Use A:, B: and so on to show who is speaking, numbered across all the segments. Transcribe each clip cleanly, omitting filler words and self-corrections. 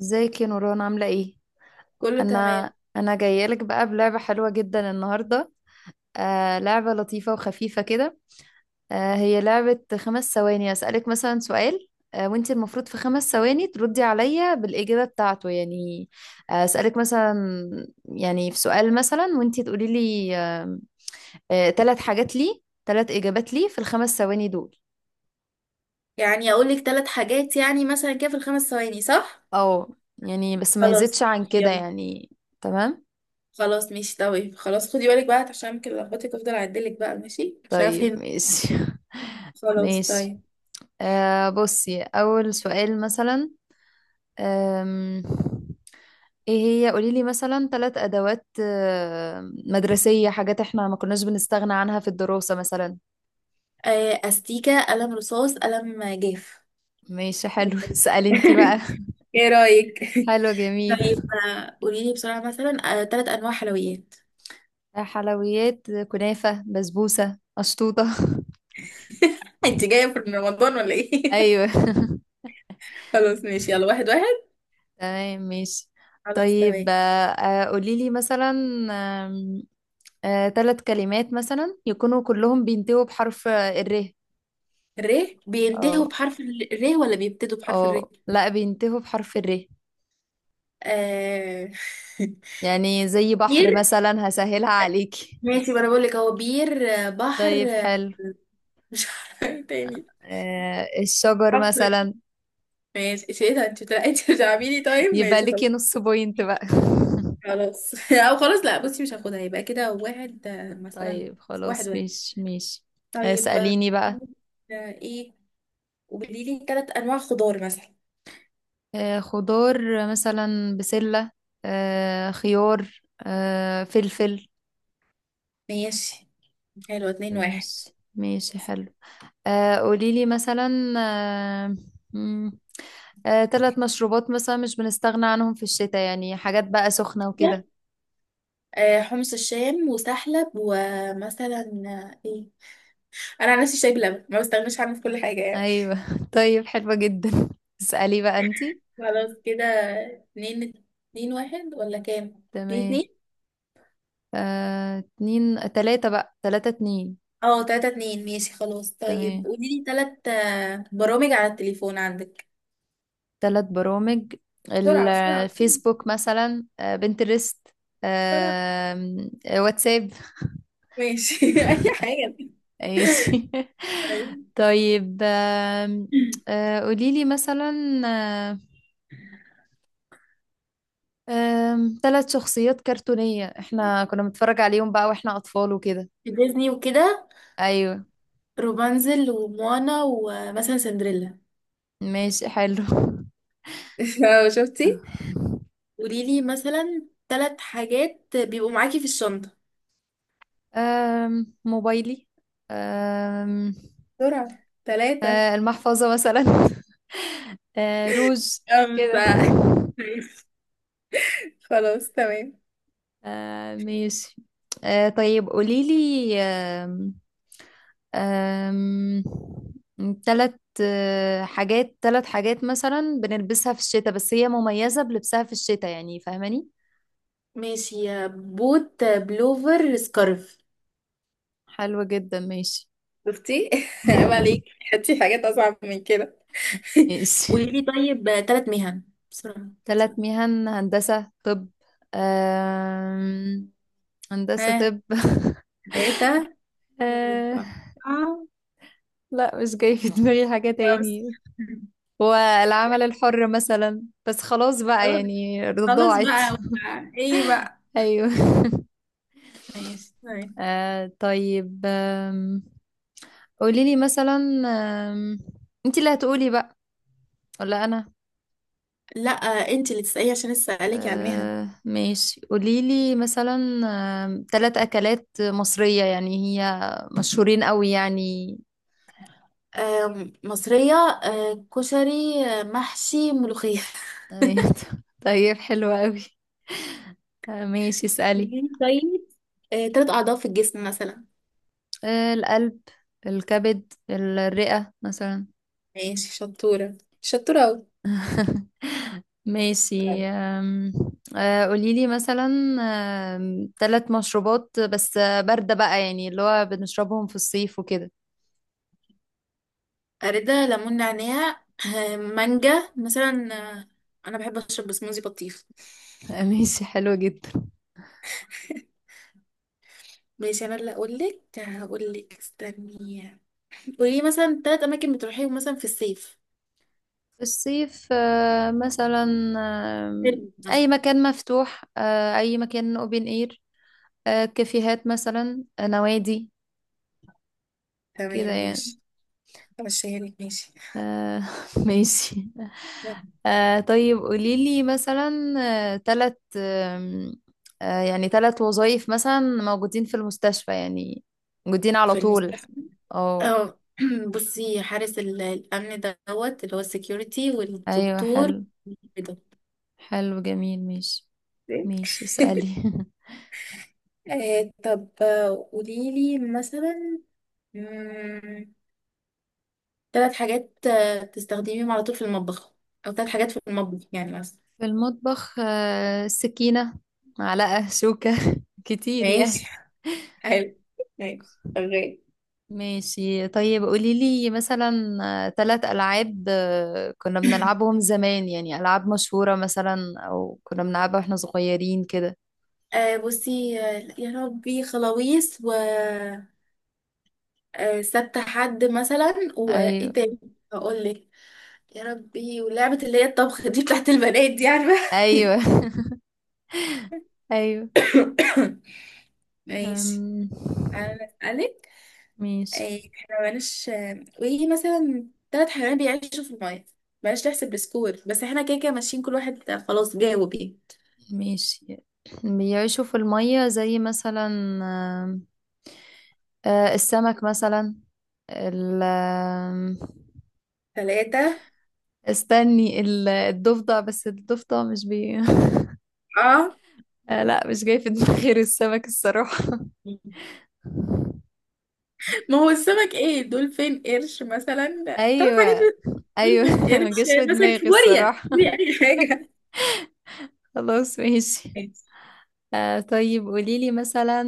A: ازيك يا نوران، عاملة ايه؟
B: كله تمام.
A: انا جاية لك بقى بلعبة حلوة جدا النهاردة. لعبة لطيفة وخفيفة كده. هي لعبة 5 ثواني، اسألك مثلا سؤال، وانت المفروض في 5 ثواني تردي عليا بالإجابة بتاعته يعني. اسألك مثلا، يعني في سؤال مثلا وانت تقولي لي ثلاث حاجات لي، ثلاث إجابات لي في ال5 ثواني دول.
B: يعني اقول لك ثلاث حاجات يعني مثلا كده في الخمس ثواني، صح؟
A: اه، يعني بس ما
B: خلاص
A: يزيدش عن
B: ماشي
A: كده
B: يلا.
A: يعني. تمام؟
B: خلاص ماشي طيب. خلاص خدي بالك بقى عشان ممكن لخبطك، افضل اعدلك بقى ماشي عشان
A: طيب
B: افهم.
A: ماشي.
B: خلاص
A: ماشي.
B: طيب.
A: بصي، أول سؤال مثلا، آم، ايه، هي قوليلي مثلا ثلاث أدوات مدرسية، حاجات احنا ما كناش بنستغنى عنها في الدراسة مثلا.
B: استيكة، قلم رصاص، قلم جاف.
A: ماشي
B: ايه
A: حلو. اسألي انتي بقى.
B: رأيك؟ ايه رايك؟
A: حلو جميل.
B: طيب. قولي لي بسرعه مثلا ثلاث انواع حلويات.
A: حلويات: كنافة، بسبوسة، أشطوطة.
B: انت جايه في رمضان ولا ايه؟
A: أيوه.
B: خلاص ماشي يلا، واحد واحد.
A: تمام ماشي.
B: خلاص
A: طيب،
B: تمام.
A: قوليلي مثلا ثلاث كلمات مثلا يكونوا كلهم بينتهوا بحرف الر.
B: ر. بينتهوا
A: آه،
B: بحرف ال ر ولا بيبتدوا بحرف ال ر؟
A: اه، لا، بينتهوا بحرف الر.
B: آه...
A: يعني زي بحر
B: بير.
A: مثلا، هسهلها عليكي.
B: ماشي، ما انا بقول لك، هو بير بحر
A: طيب حلو.
B: مش عارفه. إيه تاني؟
A: الشجر
B: حفر.
A: مثلا.
B: ماشي، ايه ده؟ انت انت بتلعبيني. طيب ماشي
A: يبقى
B: خلاص.
A: ليكي نص بوينت بقى.
B: خلاص او خلاص لا، بصي مش هاخدها. يبقى كده واحد مثلا
A: طيب
B: واحد
A: خلاص،
B: واحد.
A: مش.
B: طيب
A: اسأليني بقى.
B: ايه؟ وقولي لي ثلاث انواع خضار مثلا.
A: خضار مثلا، بسلة، خيار، فلفل.
B: ماشي حلو، اتنين واحد.
A: مش. ماشي حلو. قوليلي مثلا، آه، مم، تلات مشروبات مثلا مش بنستغنى عنهم في الشتاء، يعني حاجات بقى سخنة وكده.
B: حمص الشام وسحلب ومثلا آه، ايه انا عن نفسي شاي بلبن ما بستغناش عنه في كل حاجه يعني.
A: أيوة. طيب حلوة جدا. اسألي بقى انتي.
B: خلاص كده. اتنين. اتنين واحد ولا كام؟ اتنين
A: تمام.
B: اتنين؟
A: اتنين تلاتة بقى، تلاتة اتنين.
B: اه تلاتة اتنين ماشي خلاص. طيب
A: تمام.
B: قوليلي تلات برامج على التليفون عندك.
A: تلات برامج:
B: بسرعة بسرعة بسرعة.
A: الفيسبوك مثلا، بنترست،
B: بسرعة.
A: آم، آه، واتساب.
B: ماشي أي حاجة.
A: ماشي.
B: طيب.
A: طيب، آم، آه، قوليلي مثلا، آه، ثلاث شخصيات كرتونية احنا كنا بنتفرج عليهم بقى واحنا أطفال وكده.
B: ديزني وكده.
A: أيوة.
B: روبانزل وموانا ومثلا سندريلا.
A: ماشي حلو.
B: اه شفتي. قوليلي مثلا تلات حاجات بيبقوا معاكي في الشنطة.
A: موبايلي، أم
B: بسرعة. ثلاثة.
A: المحفظة مثلا، روز، كده.
B: خمسة. ماشي. خلاص تمام.
A: ماشي. طيب قوليلي، آم، آم، تلت حاجات، تلت حاجات مثلا بنلبسها في الشتاء بس هي مميزة بلبسها في الشتاء، يعني فاهماني.
B: ماشي، بوت، بلوفر، سكارف.
A: حلوة جدا ماشي.
B: شفتي؟ عيب عليك. حطي حاجات اصعب من كده.
A: ماشي.
B: قولي لي طيب ثلاث مهن. بسرعة.
A: تلت
B: بسرعة.
A: مهن: هندسة، طب، آم، هندسة
B: ها؟
A: طب.
B: ثلاثة.
A: آه،
B: أربعة.
A: لا مش جاي في دماغي حاجة
B: خمسة.
A: تاني. والعمل الحر مثلا، بس خلاص بقى
B: خلاص.
A: يعني ضاعت.
B: خلاص بقى. ايه بقى؟
A: ايوه.
B: ماشي طيب.
A: طيب، قولي لي مثلا، آم، انت اللي هتقولي بقى ولا انا؟
B: لا، انت اللي تسألي عشان لسه عليكي على المهن.
A: ماشي، قولي لي مثلا تلات اكلات مصرية، يعني هي مشهورين قوي يعني.
B: مصرية. كشري، محشي، ملوخية.
A: أيوة. طيب حلوة قوي. ماشي، اسألي.
B: قوليلي طيب ثلاث أعضاء في الجسم مثلا.
A: القلب، الكبد، الرئة مثلا.
B: ماشي، شطورة شطورة أوي. طيب.
A: ماشي، أم، آه، قوليلي مثلا ثلاث مشروبات بس باردة بقى، يعني اللي هو بنشربهم في الصيف وكده.
B: أريدة، ليمون، نعناع، مانجا مثلا. آه، أنا بحب أشرب سموزي بطيخ.
A: ماشي حلو جدا.
B: ماشي. أنا اللي أقولك. هقولك استني. قولي مثلا تلات أماكن بتروحيهم مثلا في الصيف.
A: في الصيف مثلا، آم،
B: فيلم
A: أي
B: مثلا.
A: مكان مفتوح، أي مكان open air، كافيهات مثلا، نوادي، كده
B: تمام
A: يعني.
B: ماشي. أمشيها لك ماشي.
A: آه. ماشي. طيب قوليلي مثلا تلت آم، آه يعني تلت وظائف مثلا موجودين في المستشفى، يعني موجودين على
B: في
A: طول.
B: المستشفى؟
A: اه.
B: اه. بصي، حارس الأمن دوت اللي هو السكيورتي،
A: ايوه
B: والدكتور.
A: حلو.
B: كده.
A: حلو جميل ماشي. ماشي اسألي.
B: طب قولي لي مثلا، مم، تلات حاجات تستخدميهم على طول في المطبخ. او تلات حاجات في المطبخ يعني مثلا.
A: في المطبخ سكينة، معلقة، شوكة. كتير يعني.
B: ماشي حلو. ماشي شغال.
A: ماشي طيب، قولي لي مثلا ثلاث ألعاب كنا بنلعبهم زمان يعني، ألعاب مشهورة مثلا أو كنا بنلعبها واحنا صغيرين كده.
B: بصي يا ربي، خلاويص، و سبت حد مثلا. وايه
A: أيوه.
B: تاني؟ هقول لك. يا ربي، ولعبة اللي هي الطبخ دي بتاعت البنات دي، عارفة؟
A: أيوه. أيوه.
B: ماشي.
A: أم...
B: انا اسألك.
A: ماشي.
B: إيه، احنا مالناش وايه مثلا؟ ثلاث حيوانات بيعيشوا في المية. بلاش تحسب السكور، بس احنا كده كده ماشيين. كل واحد خلاص جاوب ايه.
A: ماشي. بيعيشوا في المية زي مثلا، آم، آه، السمك مثلا، ال آم،
B: ثلاثة.
A: استني، الضفدع، بس الضفدع مش بي.
B: اه،
A: لا مش جاي في دماغي غير السمك الصراحة.
B: ما هو السمك، ايه، دولفين، قرش مثلا. ثلاث حاجات
A: ايوه.
B: بس.
A: ايوه.
B: دولفين،
A: ما جاش
B: قرش
A: في
B: مثلا،
A: دماغي
B: كابوريا
A: الصراحة.
B: دي، اي حاجة.
A: خلاص ماشي. طيب قوليلي مثلا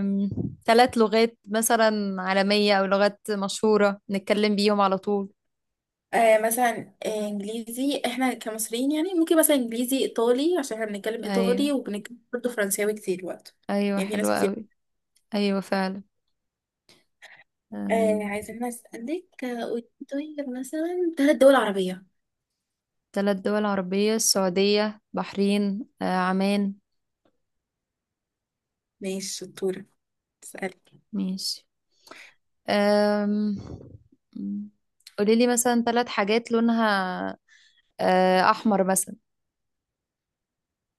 A: آم، ثلاث لغات مثلا عالمية او لغات مشهورة نتكلم بيهم على طول.
B: مثلا انجليزي، احنا كمصريين يعني ممكن مثلا انجليزي، ايطالي، عشان احنا بنتكلم
A: ايوه.
B: ايطالي وبنتكلم برضه فرنساوي كتير برضه.
A: ايوه
B: يعني في ناس
A: حلوة
B: كتير.
A: قوي. ايوه فعلا.
B: عايزة أنا أسألك قولي طيب مثلا ثلاث دول عربية.
A: ثلاث دول عربية: السعودية، بحرين، عمان.
B: ماشي شطورة. اسألك.
A: ماشي. أم... قولي لي مثلا ثلاث حاجات لونها احمر مثلا.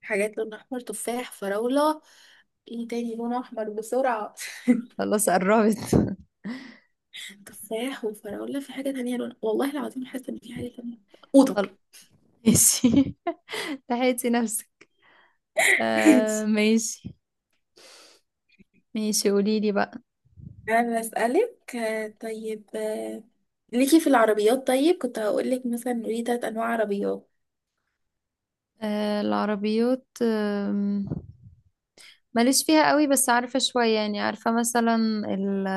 B: حاجات لون أحمر، تفاح، فراولة. ايه تاني لون أحمر؟ بسرعة.
A: خلاص قربت.
B: تفاح وفراولة. في حاجة تانية لون، والله العظيم حاسة إن في حاجة تانية. أوضة.
A: خلاص ماشي. لحقتي نفسك. ماشي. ماشي قولي لي بقى.
B: أنا بسألك طيب ليكي في العربيات. طيب كنت هقولك مثلا، قولي تلات أنواع عربيات.
A: العربيات، ماليش فيها قوي بس عارفة شوية يعني، عارفة مثلا ال،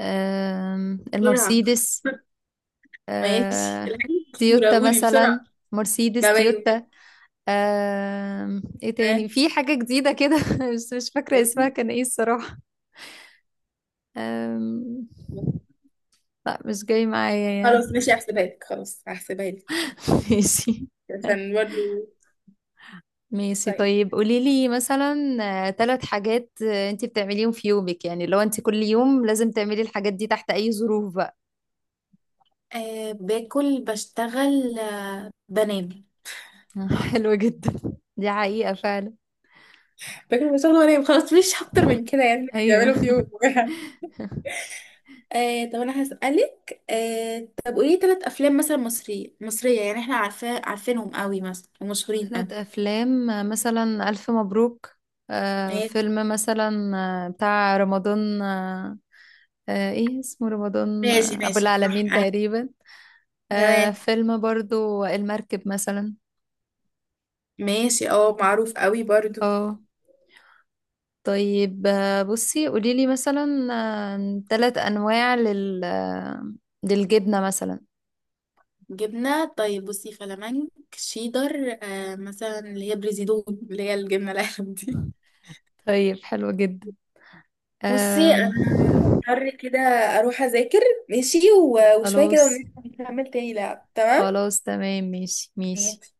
B: بسرعة.
A: المرسيدس،
B: ماشي
A: آه،
B: الحاجة مشهورة،
A: تويوتا
B: قولي
A: مثلا،
B: بسرعة.
A: مرسيدس
B: تمام
A: تويوتا.
B: ماشي.
A: ايه تاني، في حاجة جديدة كده بس مش فاكرة اسمها كان ايه الصراحة. آم،
B: آه.
A: لا مش جاي معايا يعني.
B: خلاص ماشي هحسبها لك، خلاص هحسبها لك
A: ماشي.
B: عشان برضه.
A: ماشي
B: طيب.
A: طيب قولي لي مثلا ثلاث حاجات انت بتعمليهم في يومك، يعني لو انت كل يوم لازم تعملي الحاجات دي تحت اي ظروف بقى.
B: أه باكل، بشتغل، أه بنام.
A: حلوة جدا. دي حقيقة فعلا.
B: فاكر بشغل وانام، خلاص، مش اكتر من كده يعني
A: ايوه.
B: بيعملوا في يوم. طب انا هسألك طب قولي ثلاث افلام مثلا مصرية، مصرية يعني احنا عارفاه عارفينهم قوي مثلا ومشهورين قوي.
A: ثلاث افلام مثلا الف مبروك،
B: ماشي
A: فيلم مثلا بتاع رمضان، ايه اسمه، رمضان
B: ماشي
A: ابو
B: ماشي صح
A: العالمين تقريبا. آه،
B: تمام
A: فيلم برضو المركب مثلا.
B: ماشي. اه، معروف قوي برضو.
A: اه. طيب بصي قوليلي مثلا ثلاث انواع لل للجبنة مثلا.
B: جبنة. طيب بصي، فلامنك، شيدر، أه مثلا اللي هي بريزيدون اللي هي الجبنة القلم دي.
A: طيب حلو جدا.
B: بصي
A: آم،
B: انا هضطر كده اروح اذاكر. ماشي وشويه كده
A: خلاص.
B: ونكمل تاني لعب. تمام
A: خلاص تمام ماشي ماشي.
B: ماشي.